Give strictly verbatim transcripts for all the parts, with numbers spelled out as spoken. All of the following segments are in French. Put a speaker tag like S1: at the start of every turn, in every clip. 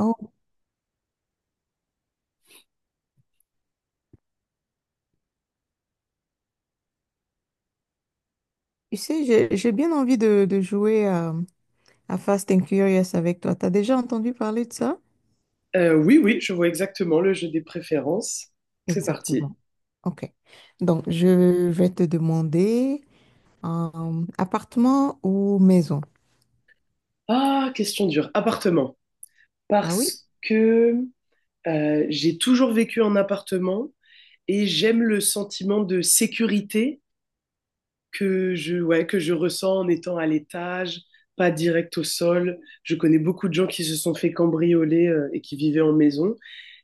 S1: Oh, tu sais, j'ai, j'ai bien envie de, de jouer à, à Fast and Curious avec toi. T'as déjà entendu parler de ça?
S2: Euh, oui, oui, je vois exactement le jeu des préférences. C'est parti.
S1: Exactement. OK. Donc, je vais te demander euh, appartement ou maison?
S2: Ah, question dure. Appartement.
S1: Ah oui?
S2: Parce que euh, j'ai toujours vécu en appartement et j'aime le sentiment de sécurité que je, ouais, que je ressens en étant à l'étage, pas direct au sol. Je connais beaucoup de gens qui se sont fait cambrioler euh, et qui vivaient en maison.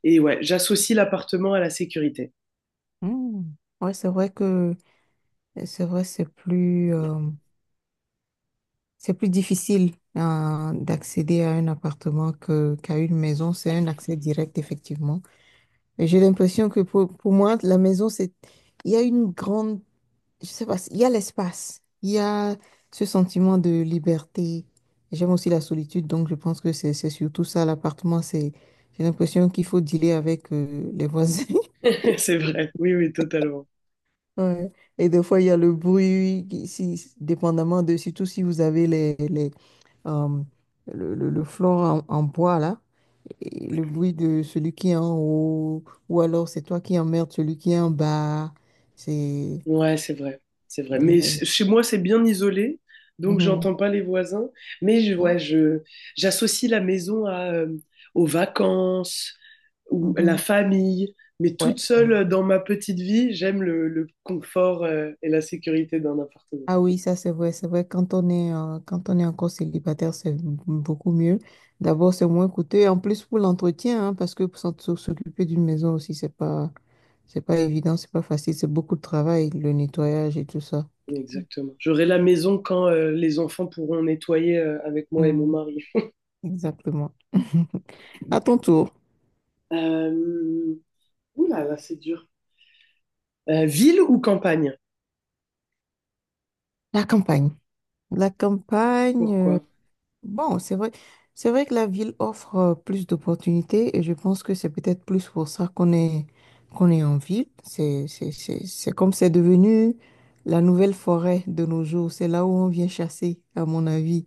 S2: Et ouais, j'associe l'appartement à la sécurité.
S1: Hmm. Ouais, c'est vrai que c'est vrai, c'est plus, euh, c'est plus difficile euh, d'accéder à un appartement que, qu'à une maison. C'est un accès direct, effectivement. Et j'ai l'impression que pour, pour moi, la maison, c'est, il y a une grande, je sais pas, il y a l'espace, il y a ce sentiment de liberté. J'aime aussi la solitude, donc je pense que c'est, c'est surtout ça, l'appartement, c'est, j'ai l'impression qu'il faut dealer avec euh, les voisins.
S2: C'est vrai. Oui, oui, totalement.
S1: Ouais. Et des fois, il y a le bruit, qui- si, dépendamment de, surtout si vous avez les, les euh, le, le, le flore en, en bois là, et le bruit de celui qui est en haut, ou alors c'est toi qui emmerdes celui qui est en bas. C'est.
S2: Ouais, c'est vrai, c'est vrai. Mais
S1: Mais-
S2: ch- chez moi, c'est bien isolé, donc
S1: Mhm.
S2: j'entends pas les voisins. Mais je,
S1: Ah,
S2: ouais, je, j'associe la maison à, euh, aux vacances ou à la
S1: mhm.
S2: famille. Mais
S1: Ouais,
S2: toute
S1: c'est
S2: seule
S1: vrai.
S2: euh, dans ma petite vie, j'aime le, le confort, euh, et la sécurité d'un appartement.
S1: Ah oui, ça c'est vrai, c'est vrai. Quand on est, euh, quand on est encore célibataire, c'est m- beaucoup mieux. D'abord, c'est moins coûteux. Et en plus, pour l'entretien, hein, parce que pour s'en- s'o- s'occuper d'une maison aussi, c'est pas, c'est pas évident, c'est pas facile. C'est beaucoup de travail, le nettoyage et tout ça.
S2: Exactement. J'aurai la maison quand, euh, les enfants pourront nettoyer, euh, avec moi et mon mari.
S1: Exactement. À ton tour,
S2: Euh... Ouh là là, c'est dur. Euh, ville ou campagne?
S1: la campagne. La campagne, euh,
S2: Pourquoi?
S1: bon, c'est vrai, c'est vrai que la ville offre euh, plus d'opportunités et je pense que c'est peut-être plus pour ça qu'on est, qu'on est en ville. C'est, c'est, c'est, c'est comme c'est devenu la nouvelle forêt de nos jours. C'est là où on vient chasser, à mon avis.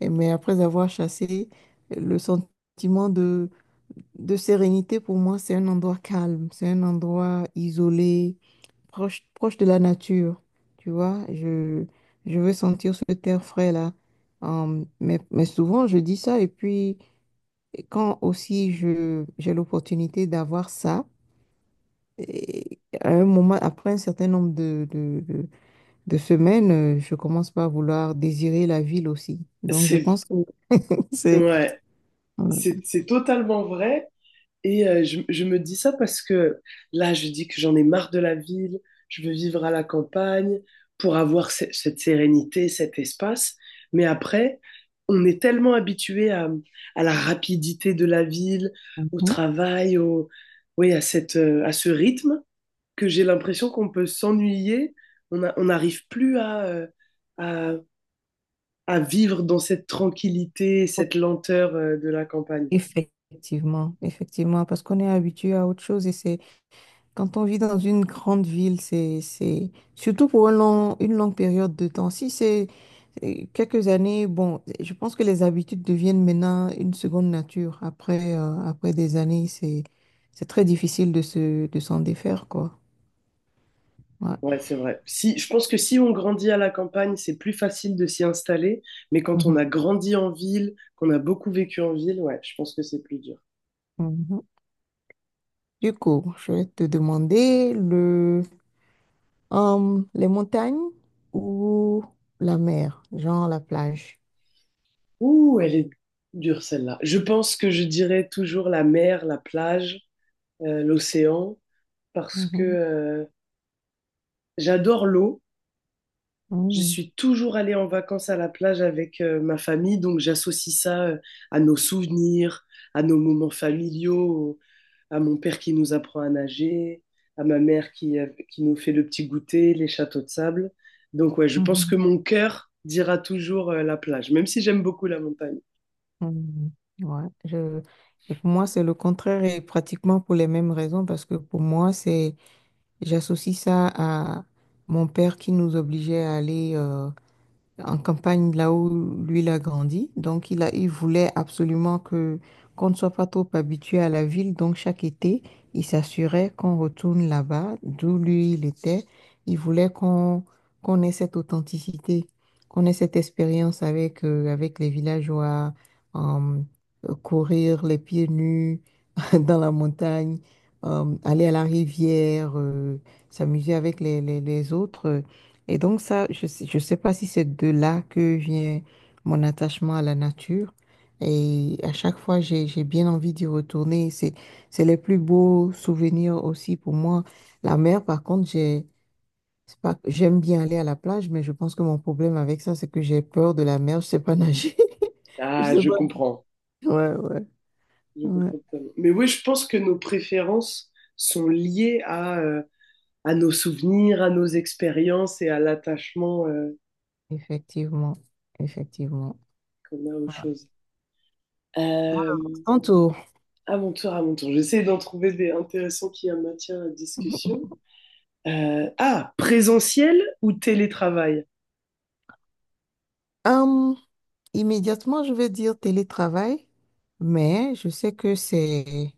S1: Et- mais après avoir chassé, le sentiment de sérénité, pour moi, c'est un endroit calme, c'est un endroit isolé, proche, proche de la nature. Tu vois, je, je veux sentir ce terre frais là. Hum, mais, mais souvent, je dis ça. Et puis, quand aussi je, j'ai l'opportunité d'avoir ça, et à un moment, après un certain nombre de, de, de, de semaines, euh, je commence par vouloir désirer la ville aussi. Donc, je
S2: C'est
S1: pense que c'est...
S2: ouais,
S1: Ouais.
S2: c'est c'est totalement vrai. Et euh, je, je me dis ça parce que là, je dis que j'en ai marre de la ville, je veux vivre à la campagne pour avoir ce- cette sérénité, cet espace. Mais après, on est tellement habitué à, à la rapidité de la ville, au
S1: Mhm.
S2: travail, au, oui, à cette, euh, à ce rythme, que j'ai l'impression qu'on peut s'ennuyer. On a- on n'arrive plus à, euh, à, à vivre dans cette tranquillité, cette lenteur, euh, de la campagne.
S1: Effectivement, effectivement, parce qu'on est habitué à autre chose et c'est quand on vit dans une grande ville, c'est c'est surtout pour un long- une longue période de temps. Si c'est euh, quelques années, bon, je pense que les habitudes deviennent maintenant une seconde nature. Après, euh, après des années, c'est c'est très difficile de se de s'en défaire, quoi. Ouais.
S2: Ouais, c'est vrai. Si, je pense que si on grandit à la campagne, c'est plus facile de s'y installer, mais quand on a
S1: Mhm,
S2: grandi en ville, qu'on a beaucoup vécu en ville, ouais, je pense que c'est plus dur.
S1: mhm. Du coup, je vais te demander le euh, les montagnes ou la mer, genre la plage.
S2: Ouh, elle est dure celle-là. Je pense que je dirais toujours la mer, la plage, euh, l'océan, parce que euh, j'adore l'eau. Je
S1: Mhm,
S2: suis toujours allée en vacances à la plage avec euh, ma famille, donc j'associe ça euh, à nos souvenirs, à nos moments familiaux, à mon père qui nous apprend à nager, à ma mère qui, euh, qui nous fait le petit goûter, les châteaux de sable. Donc ouais, je pense que
S1: mhm,
S2: mon cœur dira toujours euh, la plage, même si j'aime beaucoup la montagne.
S1: mhm. Ouais, je... et pour moi, c'est le contraire et pratiquement pour les mêmes raisons parce que pour moi, c'est j'associe ça à mon père qui nous obligeait à aller euh, en campagne, là où lui, il a grandi. Donc, il a, il voulait absolument que qu'on ne soit pas trop habitué à la ville. Donc, chaque été, il s'assurait qu'on retourne là-bas, d'où lui, il était. Il voulait qu'on qu'on ait cette authenticité, qu'on ait cette expérience avec, euh, avec les villageois, euh, courir les pieds nus, dans la montagne, euh, aller à la rivière, euh, s'amuser avec les, les, les autres. euh. Et donc ça, je sais- je sais pas si c'est de là que vient mon attachement à la nature. Et à chaque fois, j'ai, j'ai bien envie d'y retourner. C'est, c'est les plus beaux souvenirs aussi pour moi. La mer, par contre, j'ai, c'est pas, j'aime bien aller à la plage, mais je pense que mon problème avec ça, c'est que j'ai peur de la mer. Je sais pas nager. Je
S2: Ah,
S1: sais
S2: je
S1: pas.
S2: comprends.
S1: Ouais, ouais,
S2: Je
S1: ouais.
S2: comprends totalement. Mais oui, je pense que nos préférences sont liées à, euh, à nos souvenirs, à nos expériences et à l'attachement euh,
S1: Effectivement. Effectivement.
S2: qu'on a aux choses. Euh,
S1: En tout,
S2: à mon tour, à mon tour. J'essaie d'en trouver des intéressants qui en maintiennent la discussion. Euh, ah, présentiel ou télétravail?
S1: hum, immédiatement, je vais dire télétravail, mais je sais que c'est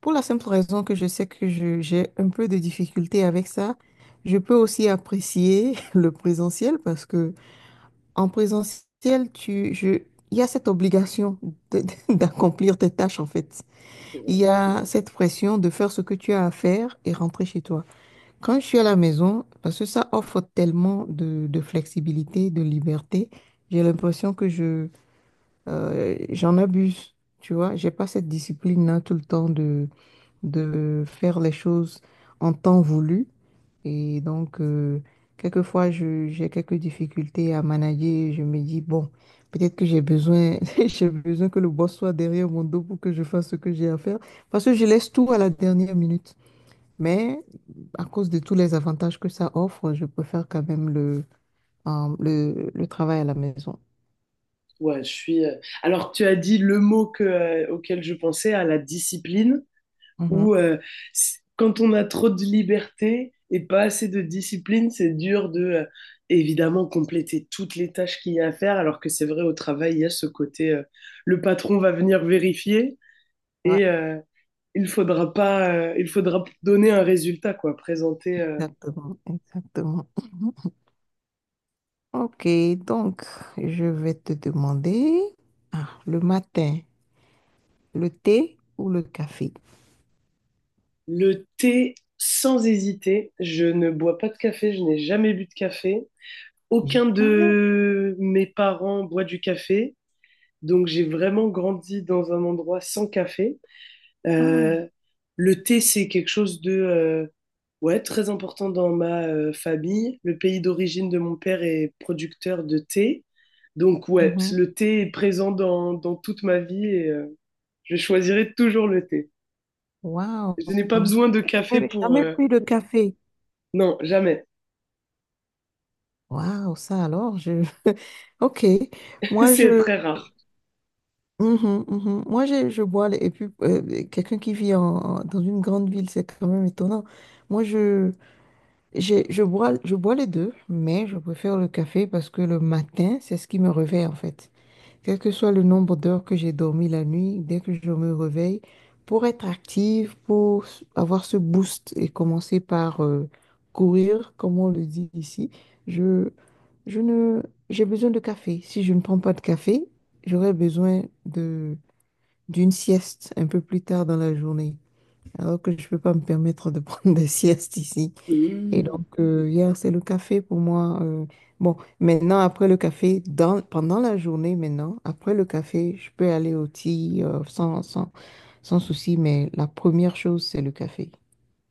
S1: pour la simple raison que je sais que je- j'ai un peu de difficulté avec ça. Je peux aussi apprécier le présentiel parce que en présentiel, tu, je, il y a cette obligation de- d'accomplir tes tâches en fait.
S2: C'est
S1: Il
S2: vrai.
S1: y a cette pression de faire ce que tu as à faire et rentrer chez toi. Quand je suis à la maison, parce que ça offre tellement de, de flexibilité, de liberté, j'ai l'impression que je, euh, j'en abuse, tu vois. J'ai pas cette discipline-là tout le temps de, de faire les choses en temps voulu. Et donc, euh, quelquefois, je, j'ai quelques difficultés à manager. Je me dis, bon, peut-être que j'ai besoin, j'ai besoin que le boss soit derrière mon dos pour que je fasse ce que j'ai à faire. Parce que je laisse tout à la dernière minute. Mais à cause de tous les avantages que ça offre, je préfère quand même le, euh, le, le travail à la maison.
S2: Ouais, je suis. Euh, Alors, tu as dit le mot que, euh, auquel je pensais, à la discipline,
S1: Mhm.
S2: où euh, c- quand on a trop de liberté et pas assez de discipline, c'est dur de, euh, évidemment, compléter toutes les tâches qu'il y a à faire, alors que c'est vrai, au travail, il y a ce côté, euh, le patron va venir vérifier
S1: Ouais,
S2: et, euh, il faudra pas, euh, il faudra donner un résultat, quoi. Présenter euh,
S1: exactement, exactement. Mhm. OK, donc je vais te demander, ah, le matin, le thé ou le café?
S2: le thé sans hésiter. Je ne bois pas de café, je n'ai jamais bu de café. Aucun
S1: Jamais.
S2: de mes parents boit du café, donc j'ai vraiment grandi dans un endroit sans café.
S1: Ah,
S2: Euh, le thé, c'est quelque chose de euh, ouais, très important dans ma euh, famille. Le pays d'origine de mon père est producteur de thé. Donc ouais,
S1: mhm.
S2: le thé est présent dans, dans toute ma vie et euh, je choisirai toujours le thé. Je
S1: Waouh,
S2: n'ai pas besoin de café
S1: jamais,
S2: pour...
S1: jamais
S2: euh,
S1: pris de café.
S2: Non, jamais.
S1: Waouh, ça alors, je... OK, moi je,
S2: C'est très rare.
S1: Mhm, mhm. Moi, j'ai- je bois, les- et puis euh, quelqu'un qui vit en- en- dans une grande ville, c'est quand même étonnant. Moi, je, j'ai- je bois, je bois les deux, mais je préfère le café parce que le matin, c'est ce qui me réveille en fait. Quel que soit le nombre d'heures que j'ai dormi la nuit, dès que je me réveille, pour être active, pour s- avoir ce boost et commencer par euh, courir, comme on le dit ici, je, je ne, j'ai besoin de café. Si je ne prends pas de café, j'aurais besoin de d'une sieste un peu plus tard dans la journée, alors que je ne peux pas me permettre de prendre des siestes ici. Et
S2: Hmm.
S1: donc, euh, hier, c'est le café pour moi. euh, bon, maintenant, après le café, dans, pendant la journée, maintenant, après le café, je peux aller au thé euh, sans, sans, sans souci, mais la première chose, c'est le café.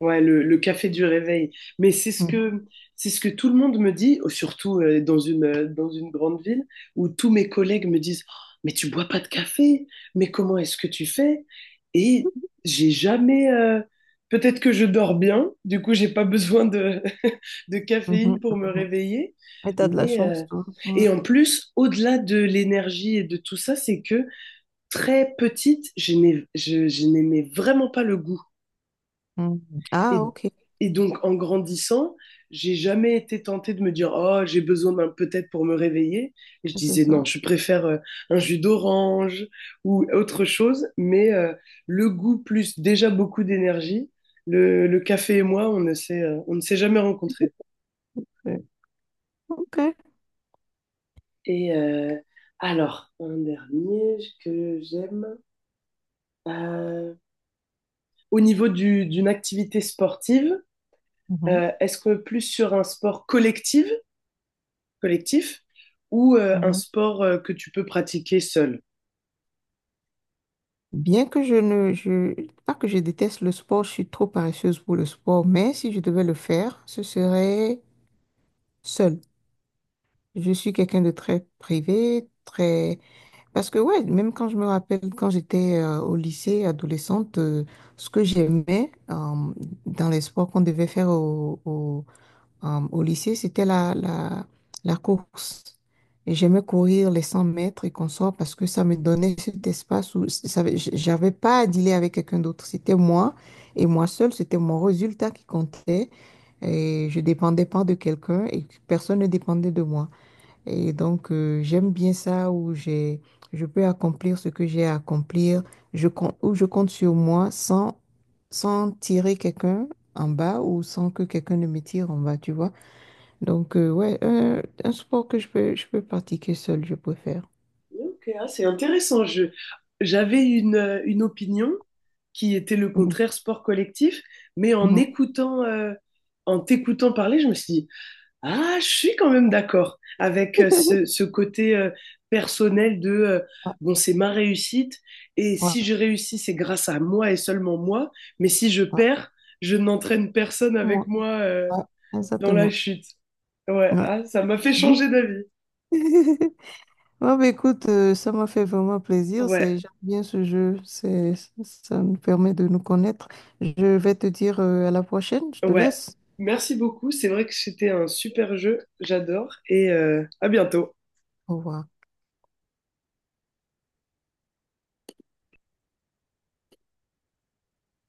S2: Ouais, le, le café du réveil. Mais c'est ce
S1: Mhm,
S2: que, c'est ce que tout le monde me dit, surtout euh, dans une, euh, dans une grande ville, où tous mes collègues me disent, Oh, mais tu bois pas de café, mais comment est-ce que tu fais? Et j'ai jamais, euh, peut-être que je dors bien, du coup j'ai pas besoin de, de
S1: mhm,
S2: caféine pour me
S1: mhm.
S2: réveiller.
S1: Et t'as de la
S2: Mais, euh,
S1: chance, toi. Ouais.
S2: et en plus, au-delà de l'énergie et de tout ça, c'est que très petite, je n'ai- je je n'aimais vraiment pas le goût.
S1: Mhm. Ah,
S2: Et,
S1: OK,
S2: et donc, en grandissant, j'ai jamais été tentée de me dire oh j'ai besoin d'un peut-être pour me réveiller. Et je
S1: c'est
S2: disais non,
S1: ça.
S2: je préfère euh, un jus d'orange ou autre chose. Mais euh, le goût plus déjà beaucoup d'énergie. Le, le café et moi, on ne s'est euh, on ne s'est jamais rencontrés.
S1: Ouais. OK.
S2: Et euh, alors un dernier que j'aime. Euh, au niveau du- d'une activité sportive,
S1: Mhm,
S2: euh, est-ce que plus sur un sport collectif collectif ou euh, un
S1: mhm.
S2: sport euh, que tu peux pratiquer seul.
S1: Bien que je ne, je, pas que je déteste le sport, je suis trop paresseuse pour le sport, mais si je devais le faire, ce serait seule. Je suis quelqu'un de très privé, très... Parce que ouais, même quand je me rappelle, quand j'étais euh, au lycée, adolescente, euh, ce que j'aimais euh, dans les sports qu'on devait faire au, au- euh, au lycée, c'était la, la, la course. Et j'aimais courir les cent mètres et consorts parce que ça me donnait cet espace où ça- j'avais pas à dealer avec quelqu'un d'autre. C'était moi et moi seule, c'était mon résultat qui comptait. Et je dépendais pas de quelqu'un et personne ne dépendait de moi. Et donc, euh, j'aime bien ça où j'ai, je peux accomplir ce que j'ai à accomplir, je compte, où je compte sur moi sans, sans tirer quelqu'un en bas ou sans que quelqu'un ne me tire en bas, tu vois. Donc, euh, ouais, un, un sport que je peux, je peux pratiquer seul, je préfère.
S2: Ok, ah, c'est intéressant. Je, j'avais une, euh, une opinion qui était le
S1: Mhm,
S2: contraire sport collectif, mais en
S1: mhm.
S2: écoutant, euh, en t'écoutant parler, je me suis dit, ah, je suis quand même d'accord avec euh, ce, ce côté euh, personnel de, euh,
S1: Ouais,
S2: bon, c'est ma réussite, et si
S1: ouais,
S2: je réussis, c'est grâce à moi et seulement moi, mais si je
S1: ouais.
S2: perds, je n'entraîne personne avec
S1: Moi,
S2: moi euh,
S1: ouais,
S2: dans la
S1: exactement.
S2: chute. Ouais,
S1: Ouais.
S2: ah, ça m'a fait
S1: Mhm.
S2: changer d'avis.
S1: Ouais, bah, écoute, euh, ça m'a fait vraiment plaisir. C'est,
S2: Ouais,
S1: j'aime bien ce jeu. C'est, ça nous permet de nous connaître. Je vais te dire, euh, à la prochaine. Je te
S2: ouais.
S1: laisse.
S2: Merci beaucoup. C'est vrai que c'était un super jeu. J'adore. Et euh, à bientôt.
S1: Au revoir.